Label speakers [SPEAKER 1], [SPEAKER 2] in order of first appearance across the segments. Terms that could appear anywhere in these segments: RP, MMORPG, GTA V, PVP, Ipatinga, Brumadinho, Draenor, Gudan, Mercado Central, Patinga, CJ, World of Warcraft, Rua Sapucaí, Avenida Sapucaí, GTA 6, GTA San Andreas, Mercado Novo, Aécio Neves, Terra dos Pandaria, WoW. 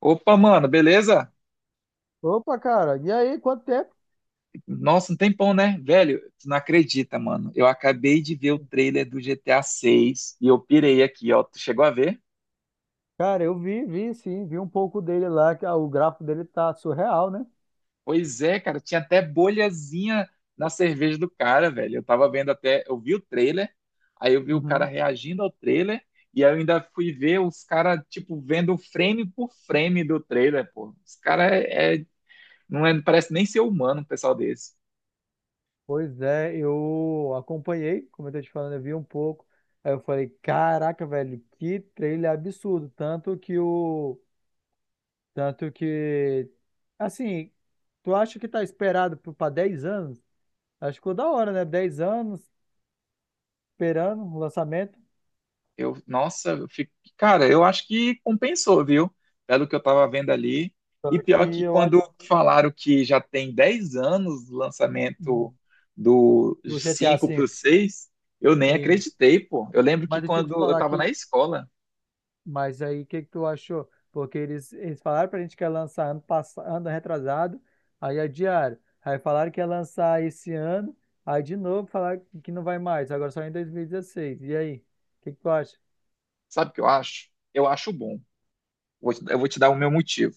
[SPEAKER 1] Opa, mano, beleza?
[SPEAKER 2] Opa, cara, e aí, quanto tempo?
[SPEAKER 1] Nossa, um tempão, né? Velho, tu não acredita, mano. Eu acabei de ver o trailer do GTA 6 e eu pirei aqui, ó. Tu chegou a ver?
[SPEAKER 2] Cara, eu vi, vi sim, vi um pouco dele lá, que o gráfico dele tá surreal, né?
[SPEAKER 1] Pois é, cara, tinha até bolhazinha na cerveja do cara, velho. Eu tava vendo até, eu vi o trailer, aí eu vi o cara
[SPEAKER 2] Uhum.
[SPEAKER 1] reagindo ao trailer e aí eu ainda fui ver os caras, tipo, vendo frame por frame do trailer, pô. Os caras não é, parece nem ser humano, um pessoal desse.
[SPEAKER 2] Pois é, eu acompanhei, como eu tô te falando, eu vi um pouco. Aí eu falei, caraca, velho, que trailer absurdo. Tanto que o. Tanto que. Assim, tu acha que tá esperado pra 10 anos? Acho que ficou da hora, né? 10 anos esperando o lançamento.
[SPEAKER 1] Eu, nossa, eu fico, cara, eu acho que compensou, viu? Pelo que eu tava vendo ali. E
[SPEAKER 2] Só que
[SPEAKER 1] pior que
[SPEAKER 2] eu acho.
[SPEAKER 1] quando falaram que já tem 10 anos o lançamento do
[SPEAKER 2] Do GTA
[SPEAKER 1] 5 para
[SPEAKER 2] V.
[SPEAKER 1] o 6 eu nem
[SPEAKER 2] Sim.
[SPEAKER 1] acreditei, pô. Eu lembro que
[SPEAKER 2] Mas deixa eu te
[SPEAKER 1] quando eu
[SPEAKER 2] falar
[SPEAKER 1] tava na
[SPEAKER 2] que.
[SPEAKER 1] escola,
[SPEAKER 2] Mas aí, o que que tu achou? Porque eles falaram pra gente que ia lançar ano, passado, ano retrasado, aí adiaram. Aí falaram que ia lançar esse ano, aí de novo falaram que não vai mais, agora só em dois mil e dezesseis. E aí, o que que tu acha?
[SPEAKER 1] sabe o que eu acho? Eu acho bom. Eu vou te dar o meu motivo.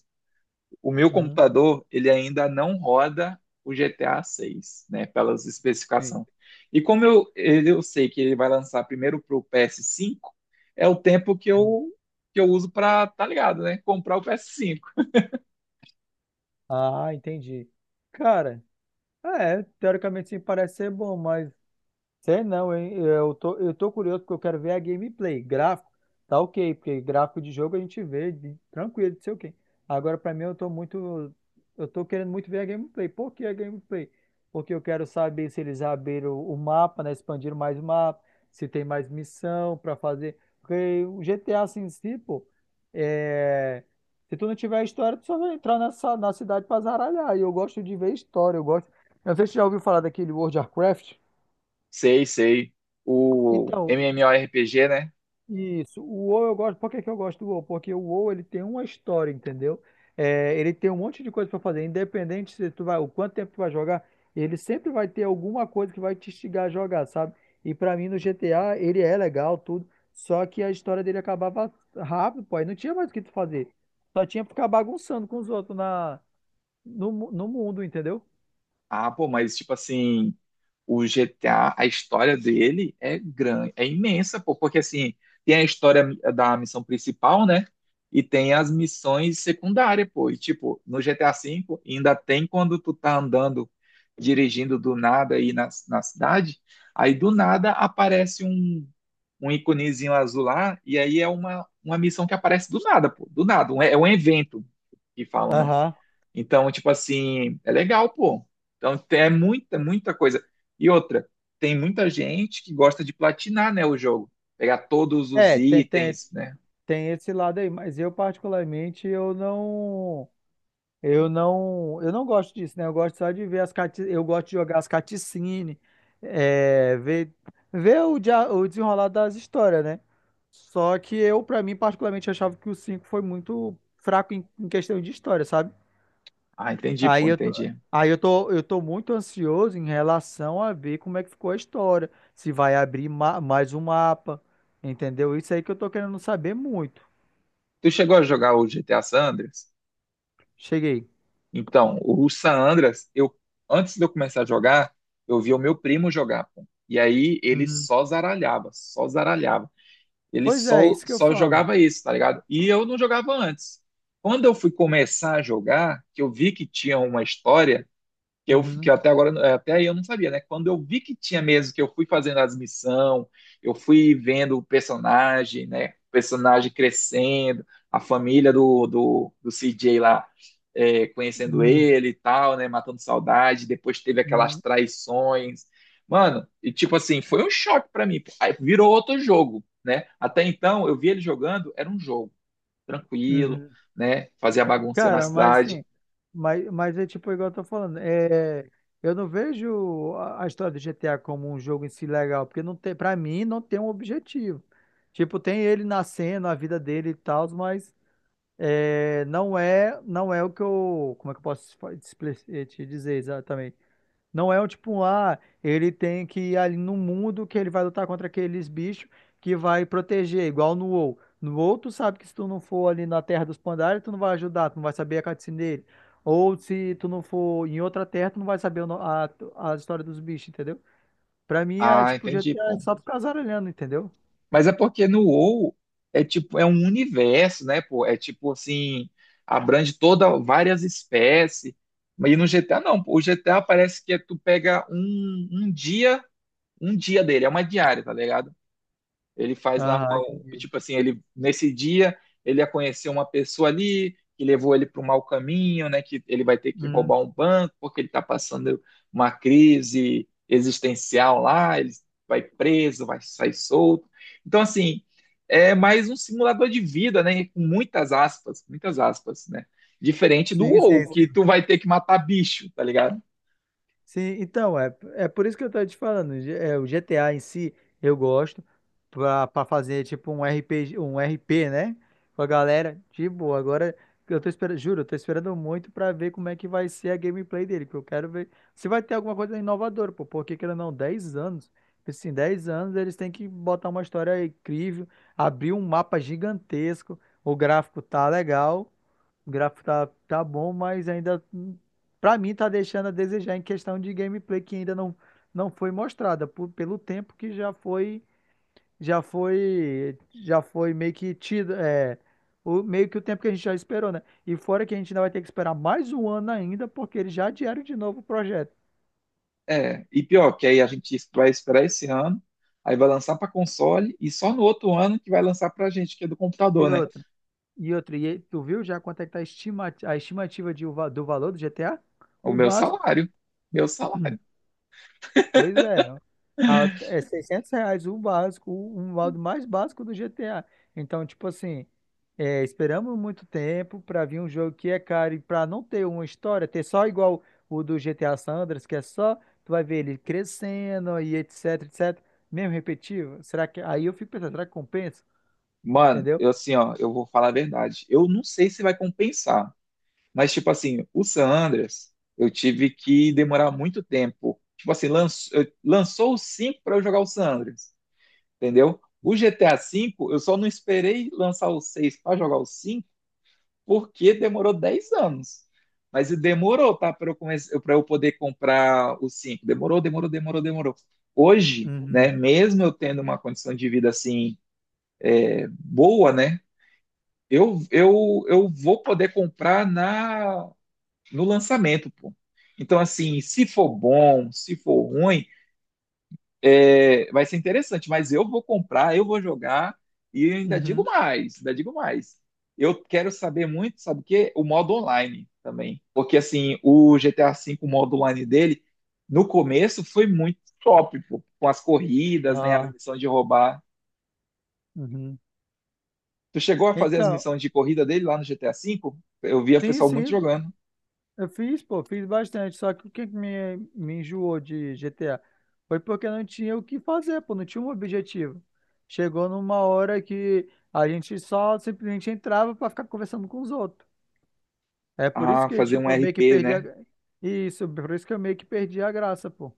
[SPEAKER 1] O meu
[SPEAKER 2] Uhum,
[SPEAKER 1] computador, ele ainda não roda o GTA 6, né, pelas
[SPEAKER 2] sim.
[SPEAKER 1] especificações. Eu sei que ele vai lançar primeiro para o PS5, é o tempo
[SPEAKER 2] Hum.
[SPEAKER 1] que eu uso para, tá ligado, né, comprar o PS5.
[SPEAKER 2] Ah, entendi. Cara, é, teoricamente sim, parece ser bom, mas. Sei não, hein? Eu tô curioso porque eu quero ver a gameplay. Gráfico, tá ok, porque gráfico de jogo a gente vê tranquilo, não sei o quê. Agora, pra mim, eu tô muito. Eu tô querendo muito ver a gameplay. Por que a gameplay? Porque eu quero saber se eles abriram o mapa, né? Expandiram mais o mapa, se tem mais missão pra fazer. Porque o GTA assim, em si, pô, é... Se tu não tiver a história, tu só vai entrar nessa, na cidade pra zaralhar. E eu gosto de ver história, eu gosto. Eu não sei se você já ouviu falar daquele World of Warcraft.
[SPEAKER 1] Sei, sei. O
[SPEAKER 2] Então,
[SPEAKER 1] MMORPG, né?
[SPEAKER 2] isso, o WoW eu gosto. Por que que eu gosto do WoW? Porque o WoW ele tem uma história, entendeu? É, ele tem um monte de coisa pra fazer, independente se tu vai, o quanto tempo tu vai jogar, ele sempre vai ter alguma coisa que vai te instigar a jogar, sabe? E pra mim no GTA ele é legal tudo, só que a história dele acabava rápido, pô, aí não tinha mais o que tu fazer. Só tinha pra ficar bagunçando com os outros na no, mu- no mundo, entendeu?
[SPEAKER 1] Ah, pô, mas tipo assim, o GTA, a história dele é grande, é imensa, pô, porque assim, tem a história da missão principal, né? E tem as missões secundárias, pô. E tipo, no GTA V ainda tem quando tu tá andando, dirigindo do nada aí na cidade, aí do nada aparece um iconezinho azul lá, e aí é uma missão que aparece do nada, pô, do nada, é um evento que falam, né?
[SPEAKER 2] Aham.
[SPEAKER 1] Então, tipo assim, é legal, pô. Então, é muita, muita coisa. E outra, tem muita gente que gosta de platinar, né, o jogo. Pegar todos os
[SPEAKER 2] É, tem, tem,
[SPEAKER 1] itens, né?
[SPEAKER 2] tem esse lado aí, mas eu particularmente eu não. Eu não gosto disso, né? Eu gosto só de ver eu gosto de jogar as caticine, é, ver, ver o desenrolar das histórias, né? Só que eu, pra mim, particularmente, achava que o 5 foi muito fraco em questão de história, sabe?
[SPEAKER 1] Ah, entendi,
[SPEAKER 2] Aí
[SPEAKER 1] pô,
[SPEAKER 2] eu tô,
[SPEAKER 1] entendi.
[SPEAKER 2] aí eu tô muito ansioso em relação a ver como é que ficou a história, se vai abrir mais um mapa, entendeu? Isso aí que eu tô querendo saber muito.
[SPEAKER 1] Tu chegou a jogar o GTA San Andreas?
[SPEAKER 2] Cheguei.
[SPEAKER 1] Então, o San Andreas, eu, antes de eu começar a jogar, eu vi o meu primo jogar, pô. E aí ele
[SPEAKER 2] Uhum.
[SPEAKER 1] só zaralhava, só zaralhava. Ele
[SPEAKER 2] Pois é,
[SPEAKER 1] só,
[SPEAKER 2] isso que eu
[SPEAKER 1] só
[SPEAKER 2] falo.
[SPEAKER 1] jogava isso, tá ligado? E eu não jogava antes. Quando eu fui começar a jogar, que eu vi que tinha uma história, que
[SPEAKER 2] Uhum.
[SPEAKER 1] até agora é, até aí eu não sabia, né? Quando eu vi que tinha mesmo, que eu fui fazendo as missões, eu fui vendo o personagem, né? O personagem crescendo, a família do CJ lá é, conhecendo
[SPEAKER 2] Uhum.
[SPEAKER 1] ele e tal, né? Matando saudade, depois teve aquelas
[SPEAKER 2] Uhum.
[SPEAKER 1] traições. Mano, e tipo assim, foi um choque para mim. Aí virou outro jogo, né? Até então eu vi ele jogando, era um jogo tranquilo,
[SPEAKER 2] Uhum.
[SPEAKER 1] né? Fazia bagunça na
[SPEAKER 2] Cara, mas
[SPEAKER 1] cidade.
[SPEAKER 2] assim, mas é tipo igual eu tô falando, eu não vejo a história do GTA como um jogo em si legal, porque não tem, para mim não tem um objetivo. Tipo, tem ele nascendo, a vida dele e tal, mas não é o que eu, como é que eu posso te dizer exatamente? Não é o tipo, ele tem que ir ali no mundo que ele vai lutar contra aqueles bichos que vai proteger, igual no WoW. No WoW, tu sabe que se tu não for ali na Terra dos Pandaria, tu não vai ajudar, tu não vai saber a cutscene dele. Ou se tu não for em outra terra, tu não vai saber o no- a história dos bichos, entendeu? Pra mim é
[SPEAKER 1] Ah,
[SPEAKER 2] tipo
[SPEAKER 1] entendi,
[SPEAKER 2] GTA, é
[SPEAKER 1] pô.
[SPEAKER 2] só tu casar olhando, entendeu?
[SPEAKER 1] Mas é porque no WoW é tipo, é um universo, né, pô? É tipo assim, abrange toda várias espécies. Mas e no GTA não, pô. O GTA parece que é tu pega um dia dele, é uma diária, tá ligado? Ele faz lá,
[SPEAKER 2] Aham, entendi.
[SPEAKER 1] tipo assim, ele nesse dia ele ia conhecer uma pessoa ali que levou ele para o mau caminho, né? Que ele vai ter que
[SPEAKER 2] Hum,
[SPEAKER 1] roubar um banco porque ele está passando uma crise existencial lá. Ele vai preso, vai sair solto. Então assim, é mais um simulador de vida, né? Com muitas aspas, né? Diferente do
[SPEAKER 2] sim, sim,
[SPEAKER 1] WoW, que
[SPEAKER 2] sim.
[SPEAKER 1] tu vai ter que matar bicho, tá ligado?
[SPEAKER 2] Sim, então, é por isso que eu tô te falando. O GTA em si, eu gosto pra fazer tipo um RPG, um RP, né? Com a galera, de boa. Agora, eu tô esperando, juro, eu tô esperando muito pra ver como é que vai ser a gameplay dele, que eu quero ver se vai ter alguma coisa inovadora, pô, porque querendo ou não, 10 anos, assim, 10 anos eles têm que botar uma história incrível, abrir um mapa gigantesco, o gráfico tá legal, o gráfico tá bom, mas ainda. Pra mim, tá deixando a desejar em questão de gameplay que ainda não foi mostrada, pelo tempo que já foi meio que tido, meio que o tempo que a gente já esperou, né? E fora que a gente ainda vai ter que esperar mais um ano ainda, porque eles já adiaram de novo o projeto.
[SPEAKER 1] É, e pior, que aí a gente vai esperar esse ano, aí vai lançar para console e só no outro ano que vai lançar para gente, que é do
[SPEAKER 2] E
[SPEAKER 1] computador, né?
[SPEAKER 2] outro, e outro, e tu viu já quanto é que tá a estimativa de, do valor do GTA?
[SPEAKER 1] O
[SPEAKER 2] O
[SPEAKER 1] meu
[SPEAKER 2] básico?
[SPEAKER 1] salário, meu salário.
[SPEAKER 2] Pois é. É R$ 600 o básico, o modo mais básico do GTA. Então, tipo assim, esperamos muito tempo para vir um jogo que é caro e para não ter uma história, ter só igual o do GTA Sandras, que é só, tu vai ver ele crescendo e etc, etc, mesmo repetitivo. Será que, aí eu fico pensando, será que compensa?
[SPEAKER 1] Mano,
[SPEAKER 2] Entendeu?
[SPEAKER 1] eu assim, ó, eu vou falar a verdade. Eu não sei se vai compensar, mas tipo assim, o San Andreas, eu tive que demorar muito tempo. Tipo assim, lançou o 5 para eu jogar o San Andreas, entendeu? O GTA V, eu só não esperei lançar o 6 para jogar o cinco, porque demorou 10 anos. Mas e demorou, tá? Pra eu poder comprar os cinco. Demorou, demorou, demorou, demorou. Hoje, né,
[SPEAKER 2] Uhum,
[SPEAKER 1] mesmo eu tendo uma condição de vida assim boa, né? Eu vou poder comprar na no lançamento, pô. Então, assim, se for bom, se for ruim, é, vai ser interessante, mas eu vou comprar, eu vou jogar e ainda digo
[SPEAKER 2] uhum,
[SPEAKER 1] mais, ainda digo mais. Eu quero saber muito, sabe o quê? O modo online também. Porque assim, o GTA V, o modo online dele, no começo foi muito top, pô, com as corridas, né, as
[SPEAKER 2] ah,
[SPEAKER 1] missões de roubar.
[SPEAKER 2] uhum.
[SPEAKER 1] Tu chegou a fazer as
[SPEAKER 2] Então,
[SPEAKER 1] missões de corrida dele lá no GTA V? Eu via o
[SPEAKER 2] sim,
[SPEAKER 1] pessoal muito
[SPEAKER 2] sim.
[SPEAKER 1] jogando.
[SPEAKER 2] Eu fiz, pô, fiz bastante, só que o que que me enjoou de GTA foi porque não tinha o que fazer, pô, não tinha um objetivo. Chegou numa hora que a gente só simplesmente entrava pra ficar conversando com os outros. É por isso
[SPEAKER 1] Ah,
[SPEAKER 2] que,
[SPEAKER 1] fazer um
[SPEAKER 2] tipo, eu meio que
[SPEAKER 1] RP,
[SPEAKER 2] perdi a.
[SPEAKER 1] né?
[SPEAKER 2] Isso, por isso que eu meio que perdi a graça, pô.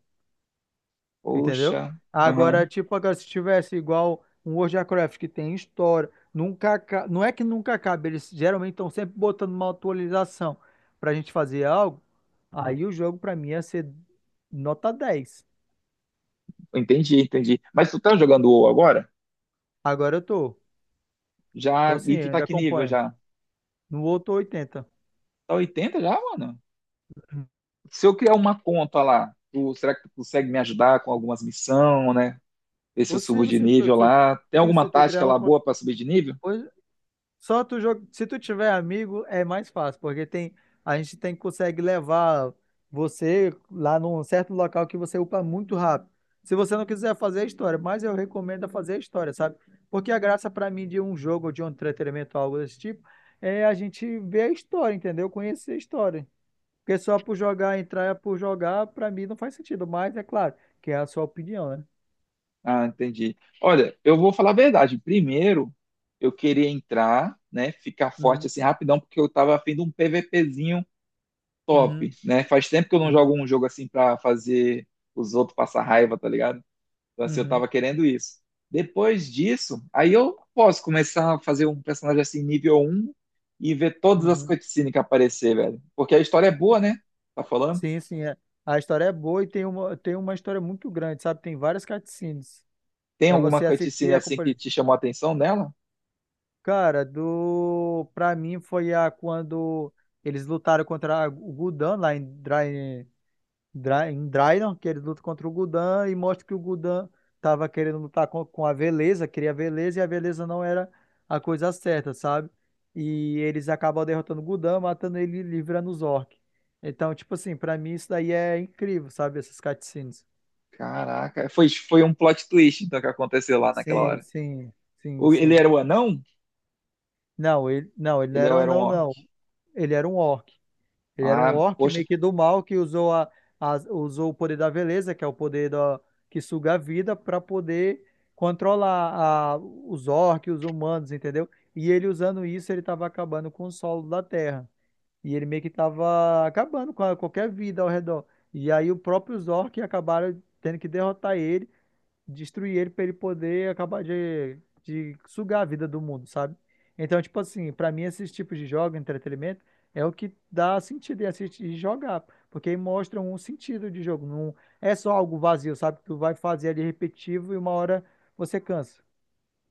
[SPEAKER 1] Poxa,
[SPEAKER 2] Entendeu?
[SPEAKER 1] aham,
[SPEAKER 2] Agora, tipo, agora se tivesse igual um World of Warcraft que tem história, nunca, aca- não é que nunca acaba, eles geralmente estão sempre botando uma atualização pra gente fazer algo, aí o jogo pra mim ia ser nota 10.
[SPEAKER 1] entendi, entendi. Mas tu tá jogando o WoW agora?
[SPEAKER 2] Agora eu tô.
[SPEAKER 1] Já,
[SPEAKER 2] Tô sim
[SPEAKER 1] e tu
[SPEAKER 2] eu
[SPEAKER 1] tá
[SPEAKER 2] ainda
[SPEAKER 1] que nível
[SPEAKER 2] acompanho.
[SPEAKER 1] já?
[SPEAKER 2] No outro 80.
[SPEAKER 1] Tá 80 já, mano? Se eu criar uma conta lá, será que tu consegue me ajudar com algumas missões, né? Ver se eu subo
[SPEAKER 2] Consigo
[SPEAKER 1] de
[SPEAKER 2] se tu,
[SPEAKER 1] nível
[SPEAKER 2] se
[SPEAKER 1] lá. Tem
[SPEAKER 2] tu
[SPEAKER 1] alguma
[SPEAKER 2] se tu
[SPEAKER 1] tática
[SPEAKER 2] criar uma
[SPEAKER 1] lá
[SPEAKER 2] conta.
[SPEAKER 1] boa para subir de nível?
[SPEAKER 2] Só tu joga. Se tu tiver amigo, é mais fácil, porque tem a gente tem consegue levar você lá num certo local que você upa muito rápido. Se você não quiser fazer a história, mas eu recomendo é fazer a história, sabe? Porque a graça pra mim de um jogo ou de um entretenimento, algo desse tipo, é a gente ver a história, entendeu? Conhecer a história. Porque só por jogar, entrar por jogar, pra mim não faz sentido. Mas é claro, que é a sua opinião, né?
[SPEAKER 1] Ah, entendi. Olha, eu vou falar a verdade. Primeiro, eu queria entrar, né? Ficar forte
[SPEAKER 2] Uhum,
[SPEAKER 1] assim rapidão, porque eu tava afim de um PVPzinho
[SPEAKER 2] uhum,
[SPEAKER 1] top, né? Faz tempo que eu não
[SPEAKER 2] uhum,
[SPEAKER 1] jogo um jogo assim pra fazer os outros passar raiva, tá ligado? Então, assim, eu
[SPEAKER 2] uhum,
[SPEAKER 1] tava querendo isso. Depois disso, aí eu posso começar a fazer um personagem assim, nível um e ver todas as
[SPEAKER 2] uhum.
[SPEAKER 1] cutscenes que aparecer, velho. Porque a história é boa, né? Tá falando?
[SPEAKER 2] Sim, sim, é. A história é boa e tem uma história muito grande, sabe? Tem várias cutscenes
[SPEAKER 1] Tem
[SPEAKER 2] para
[SPEAKER 1] alguma
[SPEAKER 2] você assistir
[SPEAKER 1] cutscene
[SPEAKER 2] a
[SPEAKER 1] assim que
[SPEAKER 2] acompanhar.
[SPEAKER 1] te chamou a atenção nela?
[SPEAKER 2] Cara, do para mim foi a quando eles lutaram contra o Gudan lá em Draenor, que ele luta contra o Gudan e mostra que o Gudan estava querendo lutar com a Veleza, queria a Veleza e a Veleza não era a coisa certa, sabe? E eles acabam derrotando o Gudan, matando ele e livrando os orcs. Então, tipo assim, pra mim isso daí é incrível, sabe? Essas cutscenes.
[SPEAKER 1] Caraca, foi um plot twist então que aconteceu lá naquela
[SPEAKER 2] Sim,
[SPEAKER 1] hora.
[SPEAKER 2] sim, sim,
[SPEAKER 1] Ele
[SPEAKER 2] sim.
[SPEAKER 1] era o anão?
[SPEAKER 2] Não, ele não, ele não
[SPEAKER 1] Ele
[SPEAKER 2] era um
[SPEAKER 1] era um
[SPEAKER 2] anão,
[SPEAKER 1] orc.
[SPEAKER 2] não. Ele era um orc. Ele era um
[SPEAKER 1] Ah,
[SPEAKER 2] orc
[SPEAKER 1] poxa,
[SPEAKER 2] meio que do mal que usou o poder da beleza, que é o poder da, que suga a vida, para poder controlar os orcs, os humanos, entendeu? E ele usando isso, ele estava acabando com o solo da Terra. E ele meio que estava acabando com qualquer vida ao redor. E aí os próprios orcs acabaram tendo que derrotar ele destruir ele pra ele poder acabar de sugar a vida do mundo, sabe? Então, tipo assim, pra mim esses tipos de jogos, entretenimento, é o que dá sentido em assistir e jogar, porque mostram um sentido de jogo, não é só algo vazio, sabe? Que tu vai fazer ali repetitivo e uma hora você cansa.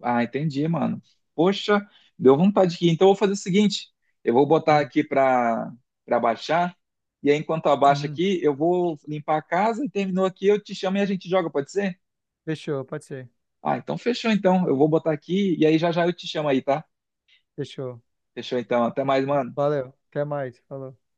[SPEAKER 1] ah, entendi, mano. Poxa, deu vontade aqui. Então eu vou fazer o seguinte, eu vou botar
[SPEAKER 2] Hum,
[SPEAKER 1] aqui para baixar e aí enquanto abaixa
[SPEAKER 2] uhum.
[SPEAKER 1] aqui, eu vou limpar a casa e terminou aqui, eu te chamo e a gente joga, pode ser?
[SPEAKER 2] Fechou, pode ser.
[SPEAKER 1] Ah, então fechou então. Eu vou botar aqui e aí já já eu te chamo aí, tá?
[SPEAKER 2] Fechou.
[SPEAKER 1] Fechou então. Até mais, mano.
[SPEAKER 2] Valeu. Até mais. Falou.